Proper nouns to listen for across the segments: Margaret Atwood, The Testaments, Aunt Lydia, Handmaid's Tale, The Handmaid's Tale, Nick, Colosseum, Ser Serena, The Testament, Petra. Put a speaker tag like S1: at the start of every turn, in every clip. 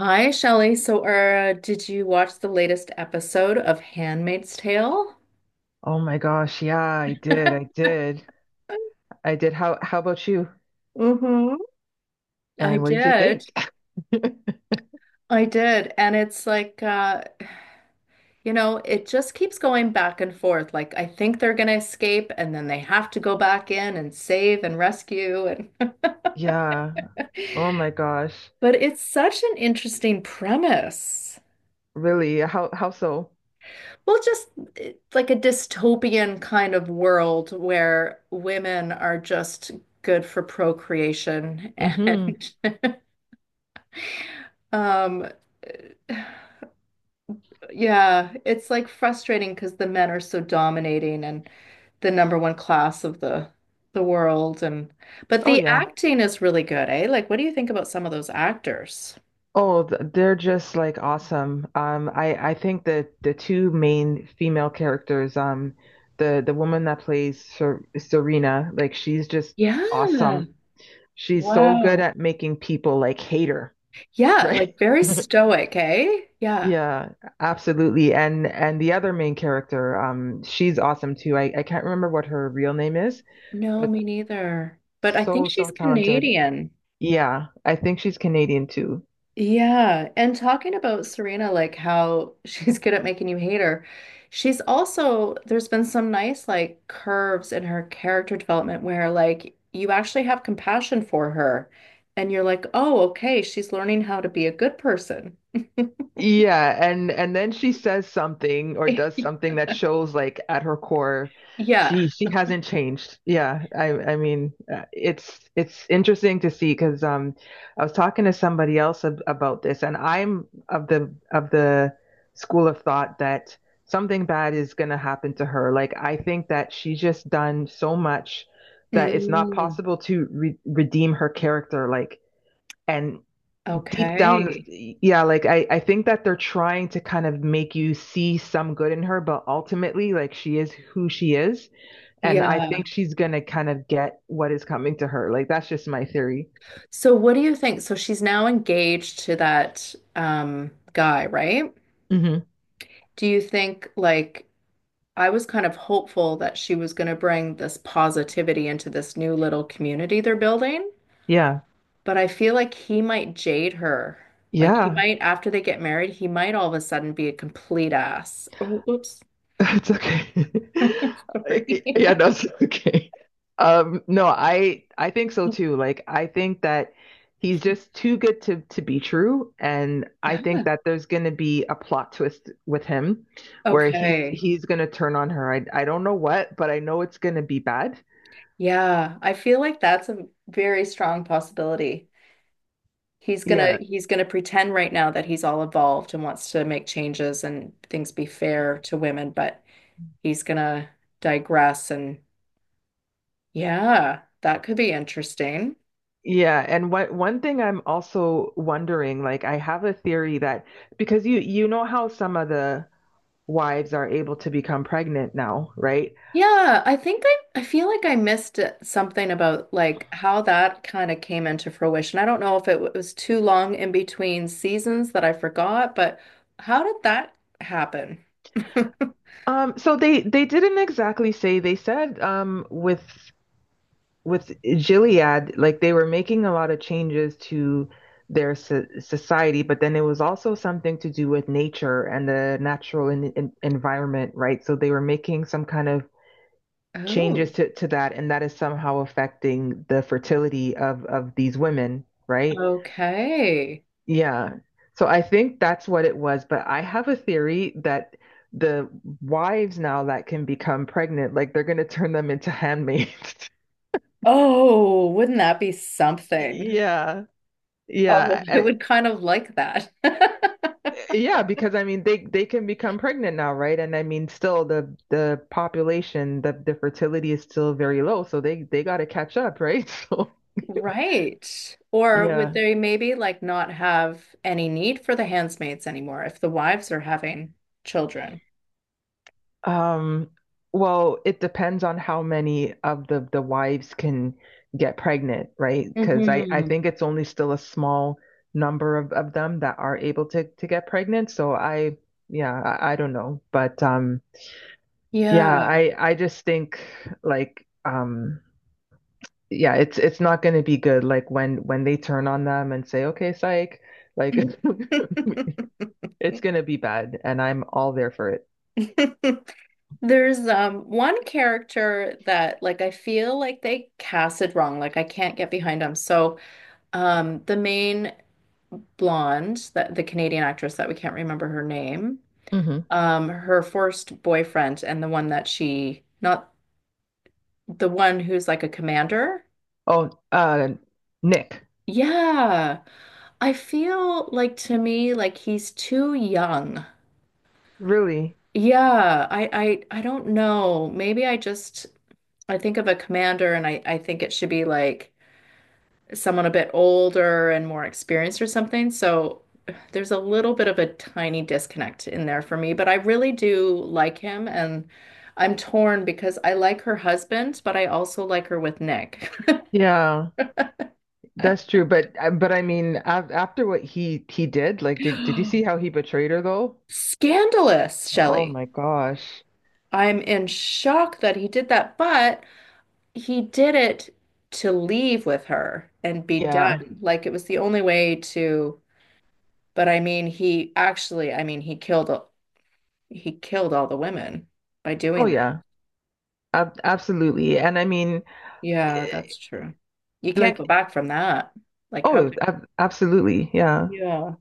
S1: Hi, Shelley. Did you watch the latest episode of Handmaid's Tale?
S2: Oh my gosh, yeah, I did. I did. I did. How about you?
S1: Mm-hmm. I
S2: And what did you
S1: did.
S2: think?
S1: I did. And it's like, it just keeps going back and forth. Like, I think they're gonna escape, and then they have to go back in and save and rescue. And
S2: Yeah. Oh my gosh.
S1: but it's such an interesting premise.
S2: Really? How so?
S1: Well, just it's like a dystopian kind of world where women are just good for procreation
S2: Mm-hmm.
S1: and Um, yeah, it's like frustrating because the men are so dominating and the number one class of the world, and but
S2: Oh
S1: the
S2: yeah.
S1: acting is really good, eh? Like, what do you think about some of those actors?
S2: Oh, they're just like awesome. I think that the two main female characters, the woman that plays Serena, like she's just
S1: Yeah.
S2: awesome. She's so good
S1: Wow.
S2: at making people like hate her,
S1: Yeah,
S2: right?
S1: like very stoic, eh? Yeah.
S2: Yeah, absolutely. And the other main character, she's awesome too. I can't remember what her real name is,
S1: No,
S2: but
S1: me neither. But I think
S2: so, so
S1: she's
S2: talented.
S1: Canadian.
S2: Yeah, I think she's Canadian too.
S1: Yeah, and talking about Serena, like how she's good at making you hate her, she's also, there's been some nice like curves in her character development where like you actually have compassion for her and you're like, oh, okay, she's learning how to be a good person.
S2: Yeah, and then she says something or does something that shows like at her core
S1: Yeah.
S2: she hasn't changed. Yeah, I mean it's interesting to see because I was talking to somebody else ab about this and I'm of the school of thought that something bad is going to happen to her. Like I think that she's just done so much that it's not
S1: Mm,
S2: possible to re redeem her character like and deep down,
S1: okay.
S2: yeah, like I think that they're trying to kind of make you see some good in her, but ultimately, like she is who she is, and I
S1: Yeah.
S2: think she's gonna kind of get what is coming to her. Like that's just my theory.
S1: So what do you think? So she's now engaged to that guy, right?
S2: Hmm.
S1: Do you think like I was kind of hopeful that she was going to bring this positivity into this new little community they're building,
S2: Yeah,
S1: but I feel like he might jade her. Like he
S2: yeah.
S1: might, after they get married, he might all of a sudden be a complete ass. Oh, oops.
S2: It's okay.
S1: Sorry.
S2: Yeah, that's okay. No, I think so too. Like I think that he's just too good to be true, and I
S1: Yeah.
S2: think that there's going to be a plot twist with him where he's
S1: Okay.
S2: he's going to turn on her. I don't know what, but I know it's going to be bad.
S1: Yeah, I feel like that's a very strong possibility. He's gonna
S2: Yeah.
S1: he's gonna pretend right now that he's all evolved and wants to make changes and things be fair to women, but he's gonna digress and yeah, that could be interesting.
S2: Yeah, and what one thing I'm also wondering, like I have a theory that because you know how some of the wives are able to become pregnant now, right?
S1: Yeah, I think I feel like I missed it- something about like how that kind of came into fruition. I don't know if it w- was too long in between seasons that I forgot, but how did that happen?
S2: So they didn't exactly say. They said with Gilead, like they were making a lot of changes to their society, but then it was also something to do with nature and the natural en en environment, right? So they were making some kind of changes
S1: Oh,
S2: to that and that is somehow affecting the fertility of these women, right?
S1: okay.
S2: Yeah, so I think that's what it was, but I have a theory that the wives now that can become pregnant, like they're going to turn them into handmaids.
S1: Oh, wouldn't that be something?
S2: Yeah.
S1: Oh,
S2: Yeah,
S1: I would kind of like that.
S2: yeah, because I mean they can become pregnant now, right? And I mean, still the population, the fertility is still very low, so they got to catch up, right? So
S1: Right. Or would
S2: yeah.
S1: they maybe like not have any need for the handmaids anymore if the wives are having children?
S2: Um, well, it depends on how many of the wives can get pregnant, right? Because I
S1: Hmm.
S2: think it's only still a small number of them that are able to get pregnant. So I, yeah, I don't know, but yeah,
S1: Yeah.
S2: I just think like yeah, it's not going to be good like when they turn on them and say, "Okay, psych." Like it's going to be bad and I'm all there for it.
S1: There's one character that like I feel like they cast it wrong. Like I can't get behind him. So the main blonde, that the Canadian actress that we can't remember her name,
S2: Hmm.
S1: her first boyfriend and the one that she not the one who's like a commander.
S2: Oh, Nick.
S1: Yeah, I feel like to me like he's too young.
S2: Really?
S1: Yeah, I don't know. Maybe I just I think of a commander and I think it should be like someone a bit older and more experienced or something. So there's a little bit of a tiny disconnect in there for me, but I really do like him, and I'm torn because I like her husband, but I also like her with Nick.
S2: Yeah, that's true. But I mean, af after what he did, like, did you see how he betrayed her though?
S1: Scandalous,
S2: Oh
S1: Shelley.
S2: my gosh.
S1: I'm in shock that he did that, but he did it to leave with her and be
S2: Yeah.
S1: done. Like it was the only way to, but I mean, he actually, I mean, he killed all the women by
S2: Oh
S1: doing that.
S2: yeah. Ab Absolutely. And I mean,
S1: Yeah,
S2: eh,
S1: that's true. You can't go
S2: like,
S1: back from that. Like how
S2: oh,
S1: could,
S2: ab absolutely. Yeah.
S1: yeah,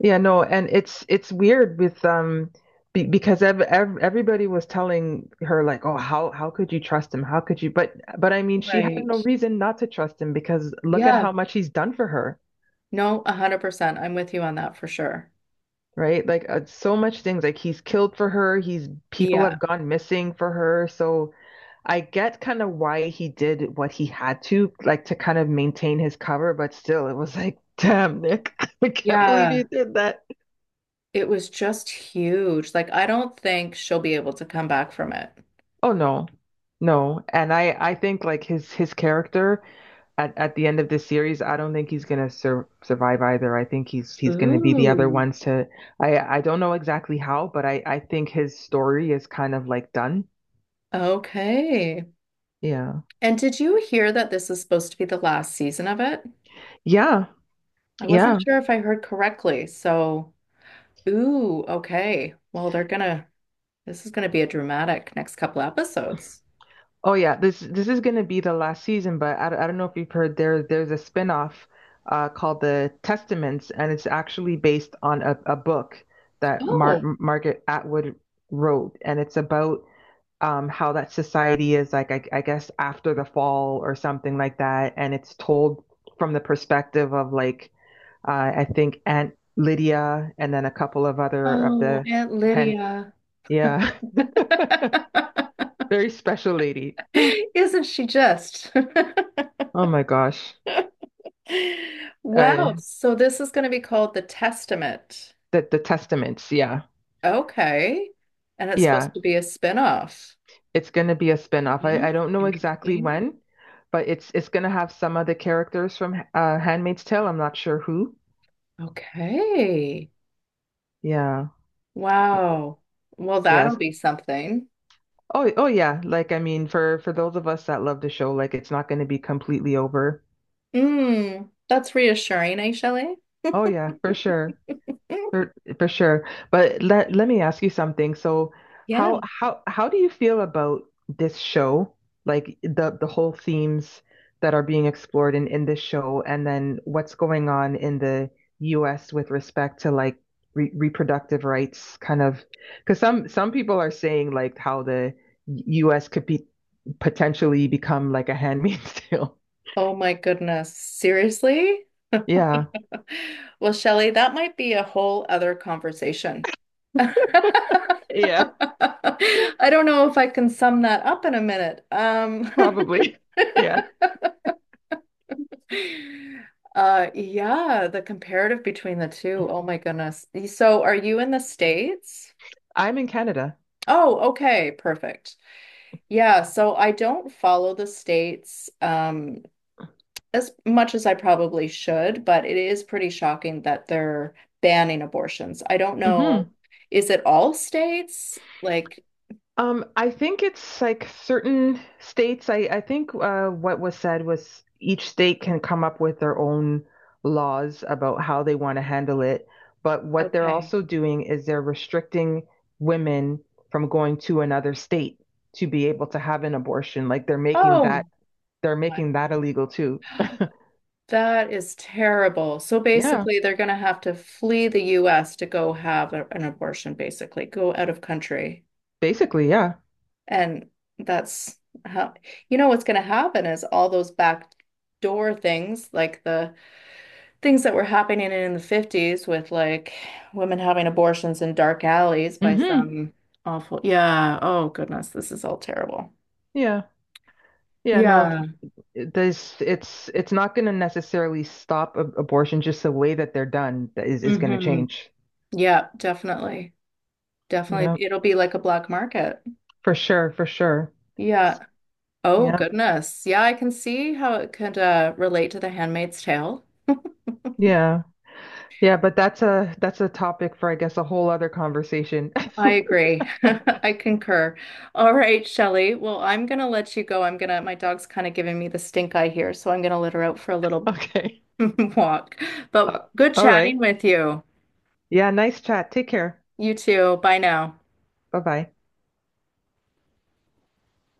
S2: Yeah. No. And it's weird with be because ev ev everybody was telling her like, oh, how could you trust him? How could you? But I mean, she had
S1: right.
S2: no reason not to trust him because look at
S1: Yeah.
S2: how much he's done for her.
S1: No, 100%. I'm with you on that for sure.
S2: Right? Like so much things like he's killed for her, he's, people
S1: Yeah.
S2: have gone missing for her. So I get kind of why he did what he had to, like to kind of maintain his cover, but still it was like, damn, Nick, I can't believe
S1: Yeah.
S2: you did that.
S1: It was just huge. Like I don't think she'll be able to come back from it.
S2: Oh no. No. And I think like his character at the end of this series, I don't think he's gonna survive either. I think he's gonna be the other
S1: Ooh,
S2: ones to, I don't know exactly how, but I think his story is kind of like done.
S1: okay.
S2: Yeah.
S1: And did you hear that this is supposed to be the last season of it?
S2: Yeah.
S1: I
S2: Yeah.
S1: wasn't sure if I heard correctly. So, ooh, okay. Well, they're gonna, this is gonna be a dramatic next couple episodes.
S2: Oh yeah. This is gonna be the last season, but I don't know if you've heard, there's a spin-off called The Testaments, and it's actually based on a book that
S1: Oh,
S2: Margaret Atwood wrote, and it's about how that society is like, I guess after the fall or something like that, and it's told from the perspective of like uh I think Aunt Lydia and then a couple of other of
S1: oh,
S2: the
S1: Aunt
S2: hen,
S1: Lydia.
S2: yeah. Very special lady.
S1: Isn't she just?
S2: Oh my gosh.
S1: Wow.
S2: Uh,
S1: So this is gonna be called The Testament.
S2: the Testaments, yeah.
S1: Okay. And it's
S2: Yeah.
S1: supposed to be a spin-off.
S2: It's gonna be a spin-off.
S1: Yeah,
S2: I don't know exactly
S1: interesting.
S2: when, but it's gonna have some of the characters from Handmaid's Tale. I'm not sure who.
S1: Okay.
S2: Yeah. Y-
S1: Wow. Well, that'll
S2: Yes.
S1: be something.
S2: Oh oh yeah. Like I mean for those of us that love the show, like it's not gonna be completely over.
S1: Mm, that's reassuring, eh, Shelley?
S2: Oh yeah, for sure.
S1: Mm,
S2: For sure. But let me ask you something. So
S1: yeah.
S2: how how do you feel about this show? Like the whole themes that are being explored in this show and then what's going on in the US with respect to like re reproductive rights kind of because some people are saying like how the US could be potentially become like a handmaid's tale.
S1: Oh my goodness. Seriously?
S2: Yeah.
S1: Well, Shelley, that might be a whole other conversation. I
S2: Yeah,
S1: don't know if I can sum that up in a minute.
S2: probably. Yeah.
S1: Yeah, the comparative between the two. Oh my goodness. So, are you in the States?
S2: I'm in Canada.
S1: Oh, okay, perfect. Yeah, so I don't follow the states as much as I probably should, but it is pretty shocking that they're banning abortions. I don't know.
S2: Hmm.
S1: Is it all states? Like,
S2: I think it's like certain states. I think what was said was each state can come up with their own laws about how they want to handle it. But what they're
S1: okay.
S2: also doing is they're restricting women from going to another state to be able to have an abortion. Like
S1: Oh
S2: they're
S1: my.
S2: making that illegal too.
S1: That is terrible. So
S2: Yeah,
S1: basically, they're going to have to flee the US to go have a- an abortion, basically, go out of country.
S2: basically, yeah.
S1: And that's how, you know, what's going to happen is all those back door things like the things that were happening in the 50s with like women having abortions in dark alleys by
S2: Hmm.
S1: some awful, yeah. Oh goodness, this is all terrible.
S2: Yeah. Yeah, no,
S1: Yeah.
S2: there's, it's not going to necessarily stop abortion, just the way that they're done is going to
S1: Hmm.
S2: change.
S1: Yeah, definitely.
S2: Yeah,
S1: Definitely. It'll be like a black market.
S2: for sure, for sure.
S1: Yeah. Oh
S2: Yeah,
S1: goodness. Yeah, I can see how it could relate to The Handmaid's Tale.
S2: yeah, yeah, but that's a topic for I guess a whole other conversation.
S1: I agree. I concur. All right, Shelley. Well, I'm gonna let you go. I'm gonna, my dog's kind of giving me the stink eye here, so I'm gonna let her out for a little
S2: Okay.
S1: walk.
S2: Uh,
S1: But good
S2: all
S1: chatting
S2: right,
S1: with you.
S2: yeah, nice chat, take care,
S1: You too. Bye now.
S2: bye bye.